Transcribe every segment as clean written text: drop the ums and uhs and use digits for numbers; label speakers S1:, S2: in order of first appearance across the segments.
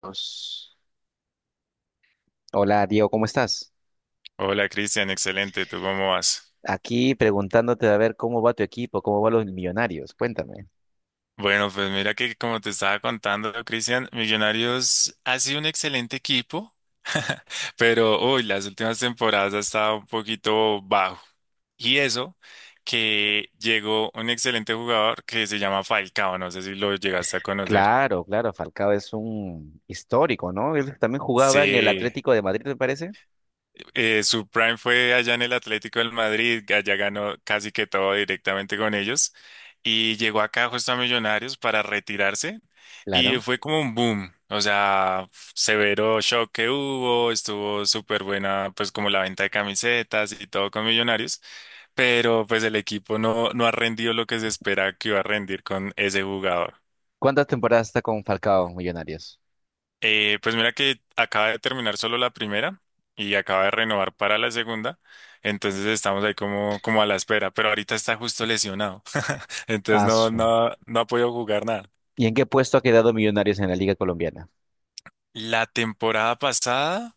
S1: Pues, hola, Diego, ¿cómo estás?
S2: Hola Cristian, excelente, ¿tú cómo vas?
S1: Aquí preguntándote a ver cómo va tu equipo, cómo van los Millonarios. Cuéntame.
S2: Bueno, pues mira que como te estaba contando, Cristian, Millonarios ha sido un excelente equipo, pero uy, las últimas temporadas ha estado un poquito bajo. Y eso que llegó un excelente jugador que se llama Falcao, no sé si lo llegaste a conocer.
S1: Claro, claro, Falcao es un histórico, ¿no? Él también jugaba en el
S2: Sí,
S1: Atlético de Madrid, me parece.
S2: su prime fue allá en el Atlético del Madrid, allá ganó casi que todo directamente con ellos y llegó acá justo a Millonarios para retirarse y
S1: Claro.
S2: fue como un boom, o sea, severo shock que hubo, estuvo súper buena pues como la venta de camisetas y todo con Millonarios, pero pues el equipo no, no ha rendido lo que se espera que iba a rendir con ese jugador.
S1: ¿Cuántas temporadas está con Falcao Millonarios?
S2: Pues mira que acaba de terminar solo la primera y acaba de renovar para la segunda, entonces estamos ahí como, a la espera, pero ahorita está justo lesionado, entonces
S1: Ah,
S2: no,
S1: su.
S2: no, no ha podido jugar nada.
S1: ¿Y en qué puesto ha quedado Millonarios en la Liga Colombiana?
S2: La temporada pasada,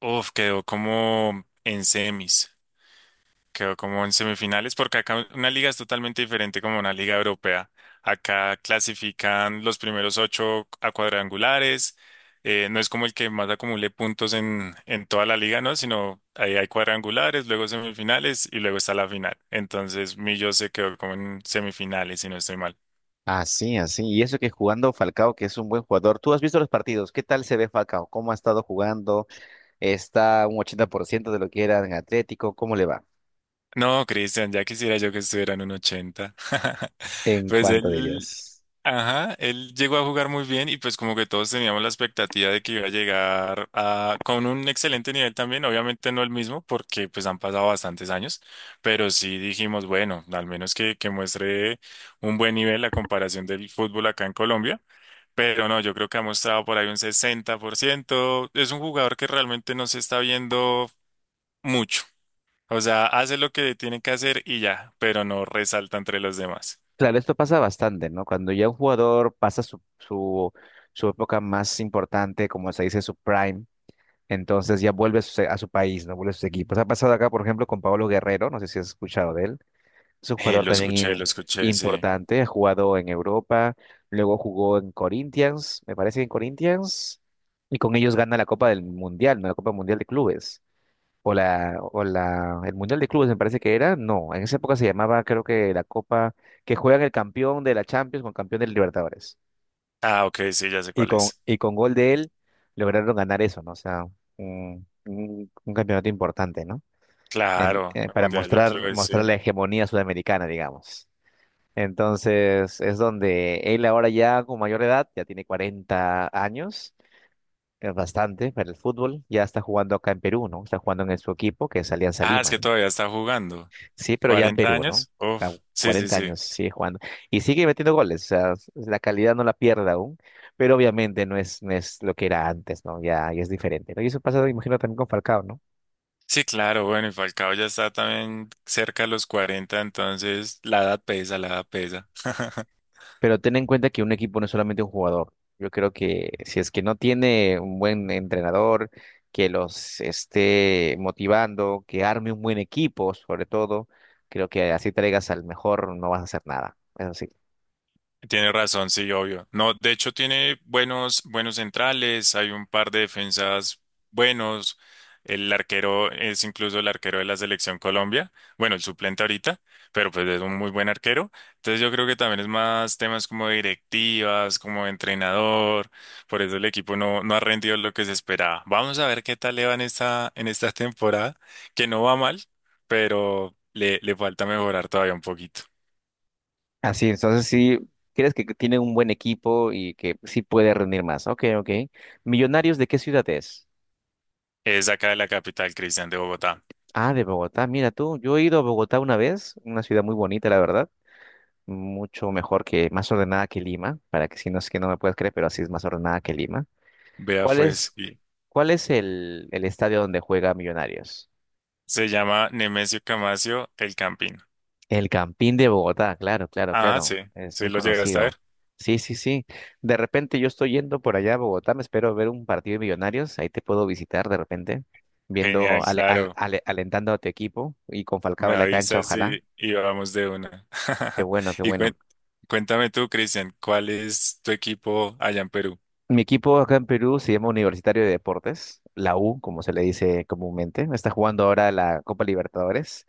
S2: uf, quedó como en semis. Quedó como en semifinales, porque acá una liga es totalmente diferente como una liga europea. Acá clasifican los primeros ocho a cuadrangulares. No es como el que más acumule puntos en toda la liga, ¿no? Sino ahí hay cuadrangulares, luego semifinales y luego está la final. Entonces, Millo se quedó como en semifinales, si no estoy mal.
S1: Ah, sí, así. Y eso que jugando Falcao, que es un buen jugador. ¿Tú has visto los partidos? ¿Qué tal se ve Falcao? ¿Cómo ha estado jugando? ¿Está un 80% de lo que era en Atlético? ¿Cómo le va?
S2: No, Cristian, ya quisiera yo que estuviera en un 80.
S1: ¿En
S2: Pues
S1: cuánto
S2: él.
S1: dirías?
S2: Ajá, él llegó a jugar muy bien y pues como que todos teníamos la expectativa de que iba a llegar a, con un excelente nivel también, obviamente no el mismo porque pues han pasado bastantes años, pero sí dijimos, bueno, al menos que muestre un buen nivel la comparación del fútbol acá en Colombia, pero no, yo creo que ha mostrado por ahí un 60%, es un jugador que realmente no se está viendo mucho, o sea, hace lo que tiene que hacer y ya, pero no resalta entre los demás.
S1: Claro, esto pasa bastante, ¿no? Cuando ya un jugador pasa su época más importante, como se dice, su prime, entonces ya vuelve a su país, ¿no? Vuelve a sus equipos. Ha pasado acá, por ejemplo, con Pablo Guerrero, no sé si has escuchado de él. Es un jugador también
S2: Lo escuché, sí.
S1: importante, ha jugado en Europa, luego jugó en Corinthians, me parece que en Corinthians, y con ellos gana la Copa del Mundial, ¿no? La Copa Mundial de Clubes. El Mundial de Clubes me parece que era, no, en esa época se llamaba creo que la Copa que juegan el campeón de la Champions con campeón del Libertadores.
S2: Ah, ok, sí, ya sé
S1: Y
S2: cuál
S1: con,
S2: es.
S1: y con gol de él lograron ganar eso, ¿no? O sea, un campeonato importante, ¿no? En-
S2: Claro,
S1: eh,
S2: el
S1: para
S2: Mundial de
S1: mostrar,
S2: Clubes, sí.
S1: mostrar la hegemonía sudamericana, digamos. Entonces, es donde él ahora ya con mayor edad, ya tiene 40 años, es bastante para el fútbol, ya está jugando acá en Perú, ¿no? Está jugando en su equipo, que es Alianza
S2: Ah, es
S1: Lima,
S2: que
S1: ¿no?
S2: todavía está jugando.
S1: Sí, pero ya en
S2: Cuarenta
S1: Perú, ¿no?
S2: años?
S1: A
S2: Uf, sí, sí,
S1: 40
S2: sí.
S1: años sigue jugando. Y sigue metiendo goles, o sea, la calidad no la pierde aún, pero obviamente no es lo que era antes, ¿no? Ya, ya es diferente, ¿no? Y eso pasa, imagino, también con Falcao, ¿no?
S2: Sí, claro, bueno, y Falcao ya está también cerca de los 40, entonces la edad pesa, la edad pesa.
S1: Pero ten en cuenta que un equipo no es solamente un jugador. Yo creo que si es que no tiene un buen entrenador que los esté motivando, que arme un buen equipo, sobre todo, creo que así traigas al mejor, no vas a hacer nada. Eso sí,
S2: Tiene razón, sí, obvio. No, de hecho tiene buenos, buenos centrales, hay un par de defensas buenos. El arquero es incluso el arquero de la selección Colombia, bueno, el suplente ahorita, pero pues es un muy buen arquero. Entonces yo creo que también es más temas como directivas, como entrenador, por eso el equipo no, no ha rendido lo que se esperaba. Vamos a ver qué tal le va en esta temporada, que no va mal, pero le falta mejorar todavía un poquito.
S1: así, entonces sí, crees que tiene un buen equipo y que sí puede rendir más. Ok, ok. Millonarios, ¿de qué ciudad es?
S2: Es acá de la capital, Cristian, de Bogotá.
S1: Ah, de Bogotá. Mira tú, yo he ido a Bogotá una vez, una ciudad muy bonita, la verdad. Mucho mejor que, más ordenada que Lima, para que si no es que no me puedes creer, pero así es más ordenada que Lima.
S2: Vea
S1: ¿Cuál es,
S2: pues, y
S1: cuál es el estadio donde juega Millonarios?
S2: se llama Nemesio Camacio El Campín.
S1: El Campín de Bogotá, claro, claro,
S2: Ah, sí,
S1: claro. Es
S2: sí
S1: muy
S2: lo llegaste a
S1: conocido.
S2: ver.
S1: Sí, sí, sí. De repente yo estoy yendo por allá a Bogotá, me espero ver un partido de Millonarios, ahí te puedo visitar de repente,
S2: Genial,
S1: viendo,
S2: claro.
S1: alentando a tu equipo y con Falcao
S2: Me
S1: en la cancha,
S2: avisas
S1: ojalá.
S2: y vamos de una.
S1: Qué bueno, qué
S2: Y
S1: bueno.
S2: cuéntame tú, Cristian, ¿cuál es tu equipo allá en Perú?
S1: Mi equipo acá en Perú se llama Universitario de Deportes, la U, como se le dice comúnmente. Está jugando ahora la Copa Libertadores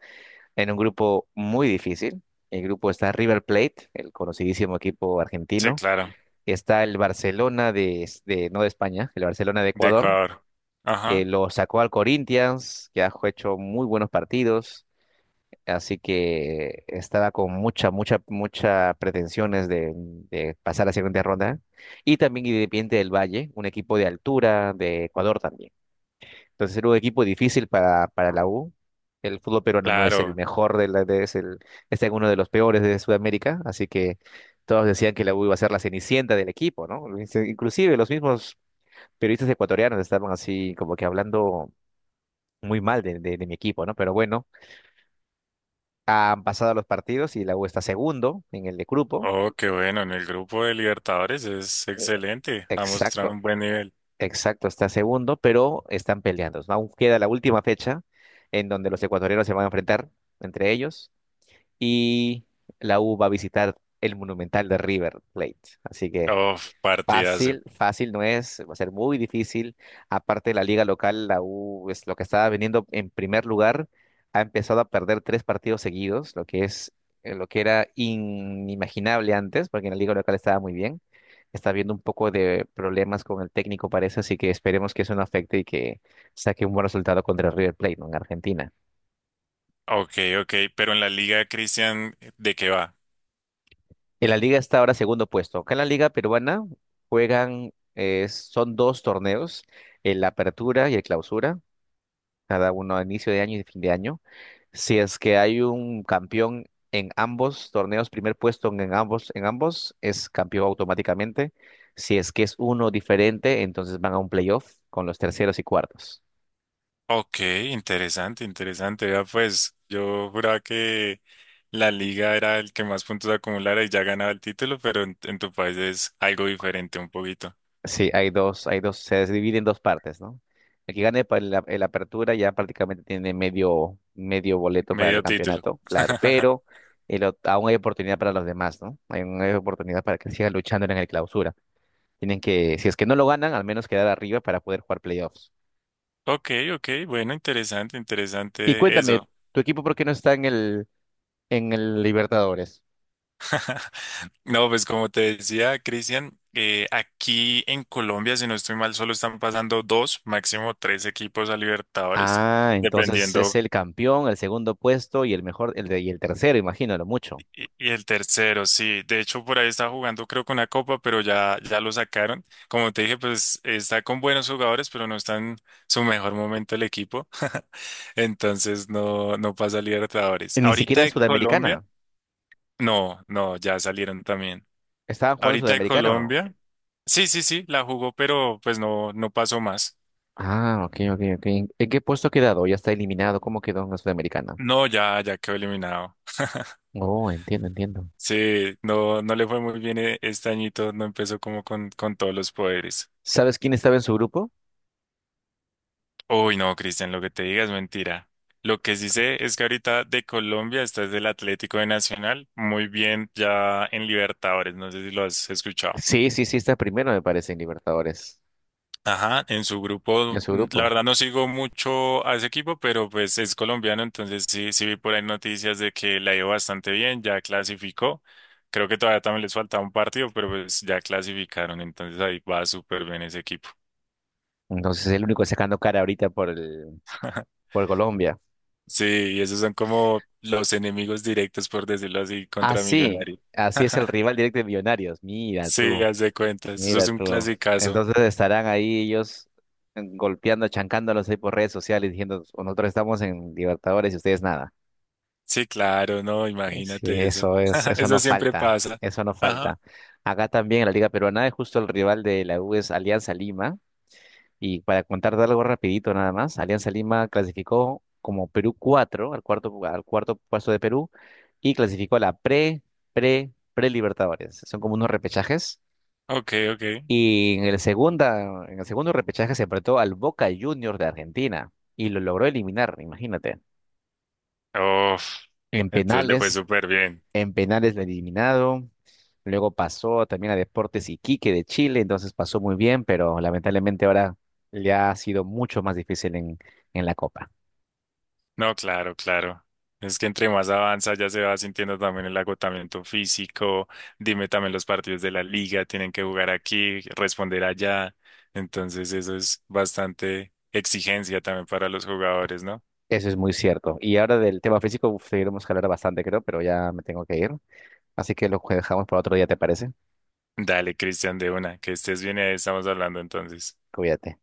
S1: en un grupo muy difícil. El grupo está River Plate, el conocidísimo equipo
S2: Sí,
S1: argentino.
S2: claro,
S1: Está el Barcelona de, no de España, el Barcelona de
S2: de
S1: Ecuador,
S2: Ecuador.
S1: que
S2: Ajá,
S1: lo sacó al Corinthians, que ha hecho muy buenos partidos. Así que estaba con mucha, mucha, mucha pretensiones de pasar a la siguiente ronda. Y también Independiente del Valle, un equipo de altura de Ecuador también. Entonces era un equipo difícil para la U. El fútbol peruano no es el
S2: claro.
S1: mejor de la, de- es el, está en uno de los peores de Sudamérica, así que todos decían que la U iba a ser la cenicienta del equipo, ¿no? Inclusive los mismos periodistas ecuatorianos estaban así como que hablando muy mal de mi equipo, ¿no? Pero bueno, han pasado los partidos y la U está segundo en el de grupo.
S2: Oh, qué bueno, en el grupo de Libertadores es excelente, ha mostrado
S1: Exacto,
S2: un buen nivel.
S1: exacto, está segundo, pero están peleando, ¿no? Aún queda la última fecha en donde los ecuatorianos se van a enfrentar entre ellos y la U va a visitar el Monumental de River Plate. Así que
S2: Oh, partidazo.
S1: fácil, fácil no es, va a ser muy difícil. Aparte de la liga local, la U es lo que estaba viniendo en primer lugar, ha empezado a perder tres partidos seguidos, lo que era inimaginable antes, porque en la liga local estaba muy bien. Está habiendo un poco de problemas con el técnico, parece, así que esperemos que eso no afecte y que saque un buen resultado contra el River Plate, ¿no? En Argentina.
S2: Ok, ok, pero en la liga, Cristian, ¿de qué va?
S1: En la liga está ahora segundo puesto. Acá en la liga peruana son dos torneos, el Apertura y el Clausura, cada uno a inicio de año y de fin de año. Si es que hay un campeón en ambos torneos, primer puesto en ambos, es campeón automáticamente. Si es que es uno diferente, entonces van a un playoff con los terceros y cuartos.
S2: Ok, interesante, interesante. Vea, pues yo juraba que la liga era el que más puntos acumulara y ya ganaba el título, pero en tu país es algo diferente un poquito.
S1: Sí, hay dos, se divide en dos partes, ¿no? El que gane el apertura ya prácticamente tiene medio, medio boleto para el
S2: Medio título.
S1: campeonato, claro, pero aún hay oportunidad para los demás, ¿no? Hay oportunidad para que sigan luchando en el clausura. Tienen que, si es que no lo ganan, al menos quedar arriba para poder jugar playoffs.
S2: Ok, ok, bueno, interesante,
S1: Y
S2: interesante
S1: cuéntame,
S2: eso.
S1: ¿tu equipo por qué no está en el Libertadores?
S2: No, pues como te decía, Cristian, aquí en Colombia, si no estoy mal, solo están pasando dos, máximo tres equipos a Libertadores,
S1: Ah, entonces es
S2: dependiendo.
S1: el campeón, el segundo puesto y el mejor, y el tercero, imagino, lo mucho.
S2: Y el tercero, sí. De hecho, por ahí está jugando, creo que una copa, pero ya, ya lo sacaron. Como te dije, pues está con buenos jugadores, pero no está en su mejor momento el equipo. Entonces no, no pasa a Libertadores.
S1: Ni
S2: Ahorita
S1: siquiera es
S2: de Colombia,
S1: Sudamericana.
S2: no, no, ya salieron también.
S1: ¿Estaban jugando
S2: Ahorita de
S1: Sudamericana o no?
S2: Colombia, sí, sí, sí, la jugó, pero pues no, no pasó más.
S1: Ah, ok, ok, ok. ¿En qué puesto ha quedado? ¿Ya está eliminado? ¿Cómo quedó en la Sudamericana?
S2: No, ya, ya quedó eliminado.
S1: Oh, entiendo, entiendo.
S2: Sí, no, no le fue muy bien este añito, no empezó como con, todos los poderes.
S1: ¿Sabes quién estaba en su grupo?
S2: Uy, no, Cristian, lo que te diga es mentira. Lo que sí sé es que ahorita de Colombia está es del Atlético de Nacional, muy bien ya en Libertadores, no sé si lo has escuchado.
S1: Sí, sí, sí, está primero, me parece, en Libertadores,
S2: Ajá, en su grupo,
S1: en su
S2: la
S1: grupo.
S2: verdad no sigo mucho a ese equipo, pero pues es colombiano, entonces sí, sí vi por ahí noticias de que la ha ido bastante bien, ya clasificó. Creo que todavía también les faltaba un partido, pero pues ya clasificaron, entonces ahí va súper bien ese equipo.
S1: Entonces es el único sacando cara ahorita por Colombia.
S2: Sí, y esos son como los enemigos directos, por decirlo así,
S1: Ah,
S2: contra
S1: sí,
S2: Millonario.
S1: así es el rival directo de Millonarios. Mira
S2: Sí,
S1: tú,
S2: haz de cuenta, eso es
S1: mira
S2: un
S1: tú.
S2: clasicazo.
S1: Entonces estarán ahí ellos golpeando, chancándolos ahí por redes sociales, diciendo, nosotros estamos en Libertadores y ustedes nada.
S2: Sí, claro, no,
S1: Sí,
S2: imagínate eso.
S1: eso es, eso
S2: Eso
S1: no
S2: siempre
S1: falta,
S2: pasa.
S1: eso no
S2: Ajá.
S1: falta. Acá también en la Liga Peruana es justo el rival de la U es Alianza Lima. Y para contarte algo rapidito nada más, Alianza Lima clasificó como Perú 4, al cuarto puesto de Perú y clasificó a la pre-Libertadores. Son como unos repechajes.
S2: Ok, ok.
S1: Y en el segundo repechaje se enfrentó al Boca Juniors de Argentina y lo logró eliminar, imagínate.
S2: Uf,
S1: En
S2: entonces le fue
S1: penales
S2: súper bien.
S1: En penales lo eliminado. Luego pasó también a Deportes Iquique de Chile, entonces pasó muy bien, pero lamentablemente ahora le ha sido mucho más difícil en la Copa.
S2: No, claro, claro. Es que entre más avanza ya se va sintiendo también el agotamiento físico. Dime también los partidos de la liga, tienen que jugar aquí, responder allá. Entonces eso es bastante exigencia también para los jugadores, ¿no?
S1: Eso es muy cierto. Y ahora del tema físico uf, seguiremos a hablar bastante, creo, pero ya me tengo que ir. Así que lo dejamos para otro día, ¿te parece?
S2: Dale, Cristian, de una, que estés bien y ahí estamos hablando entonces.
S1: Cuídate.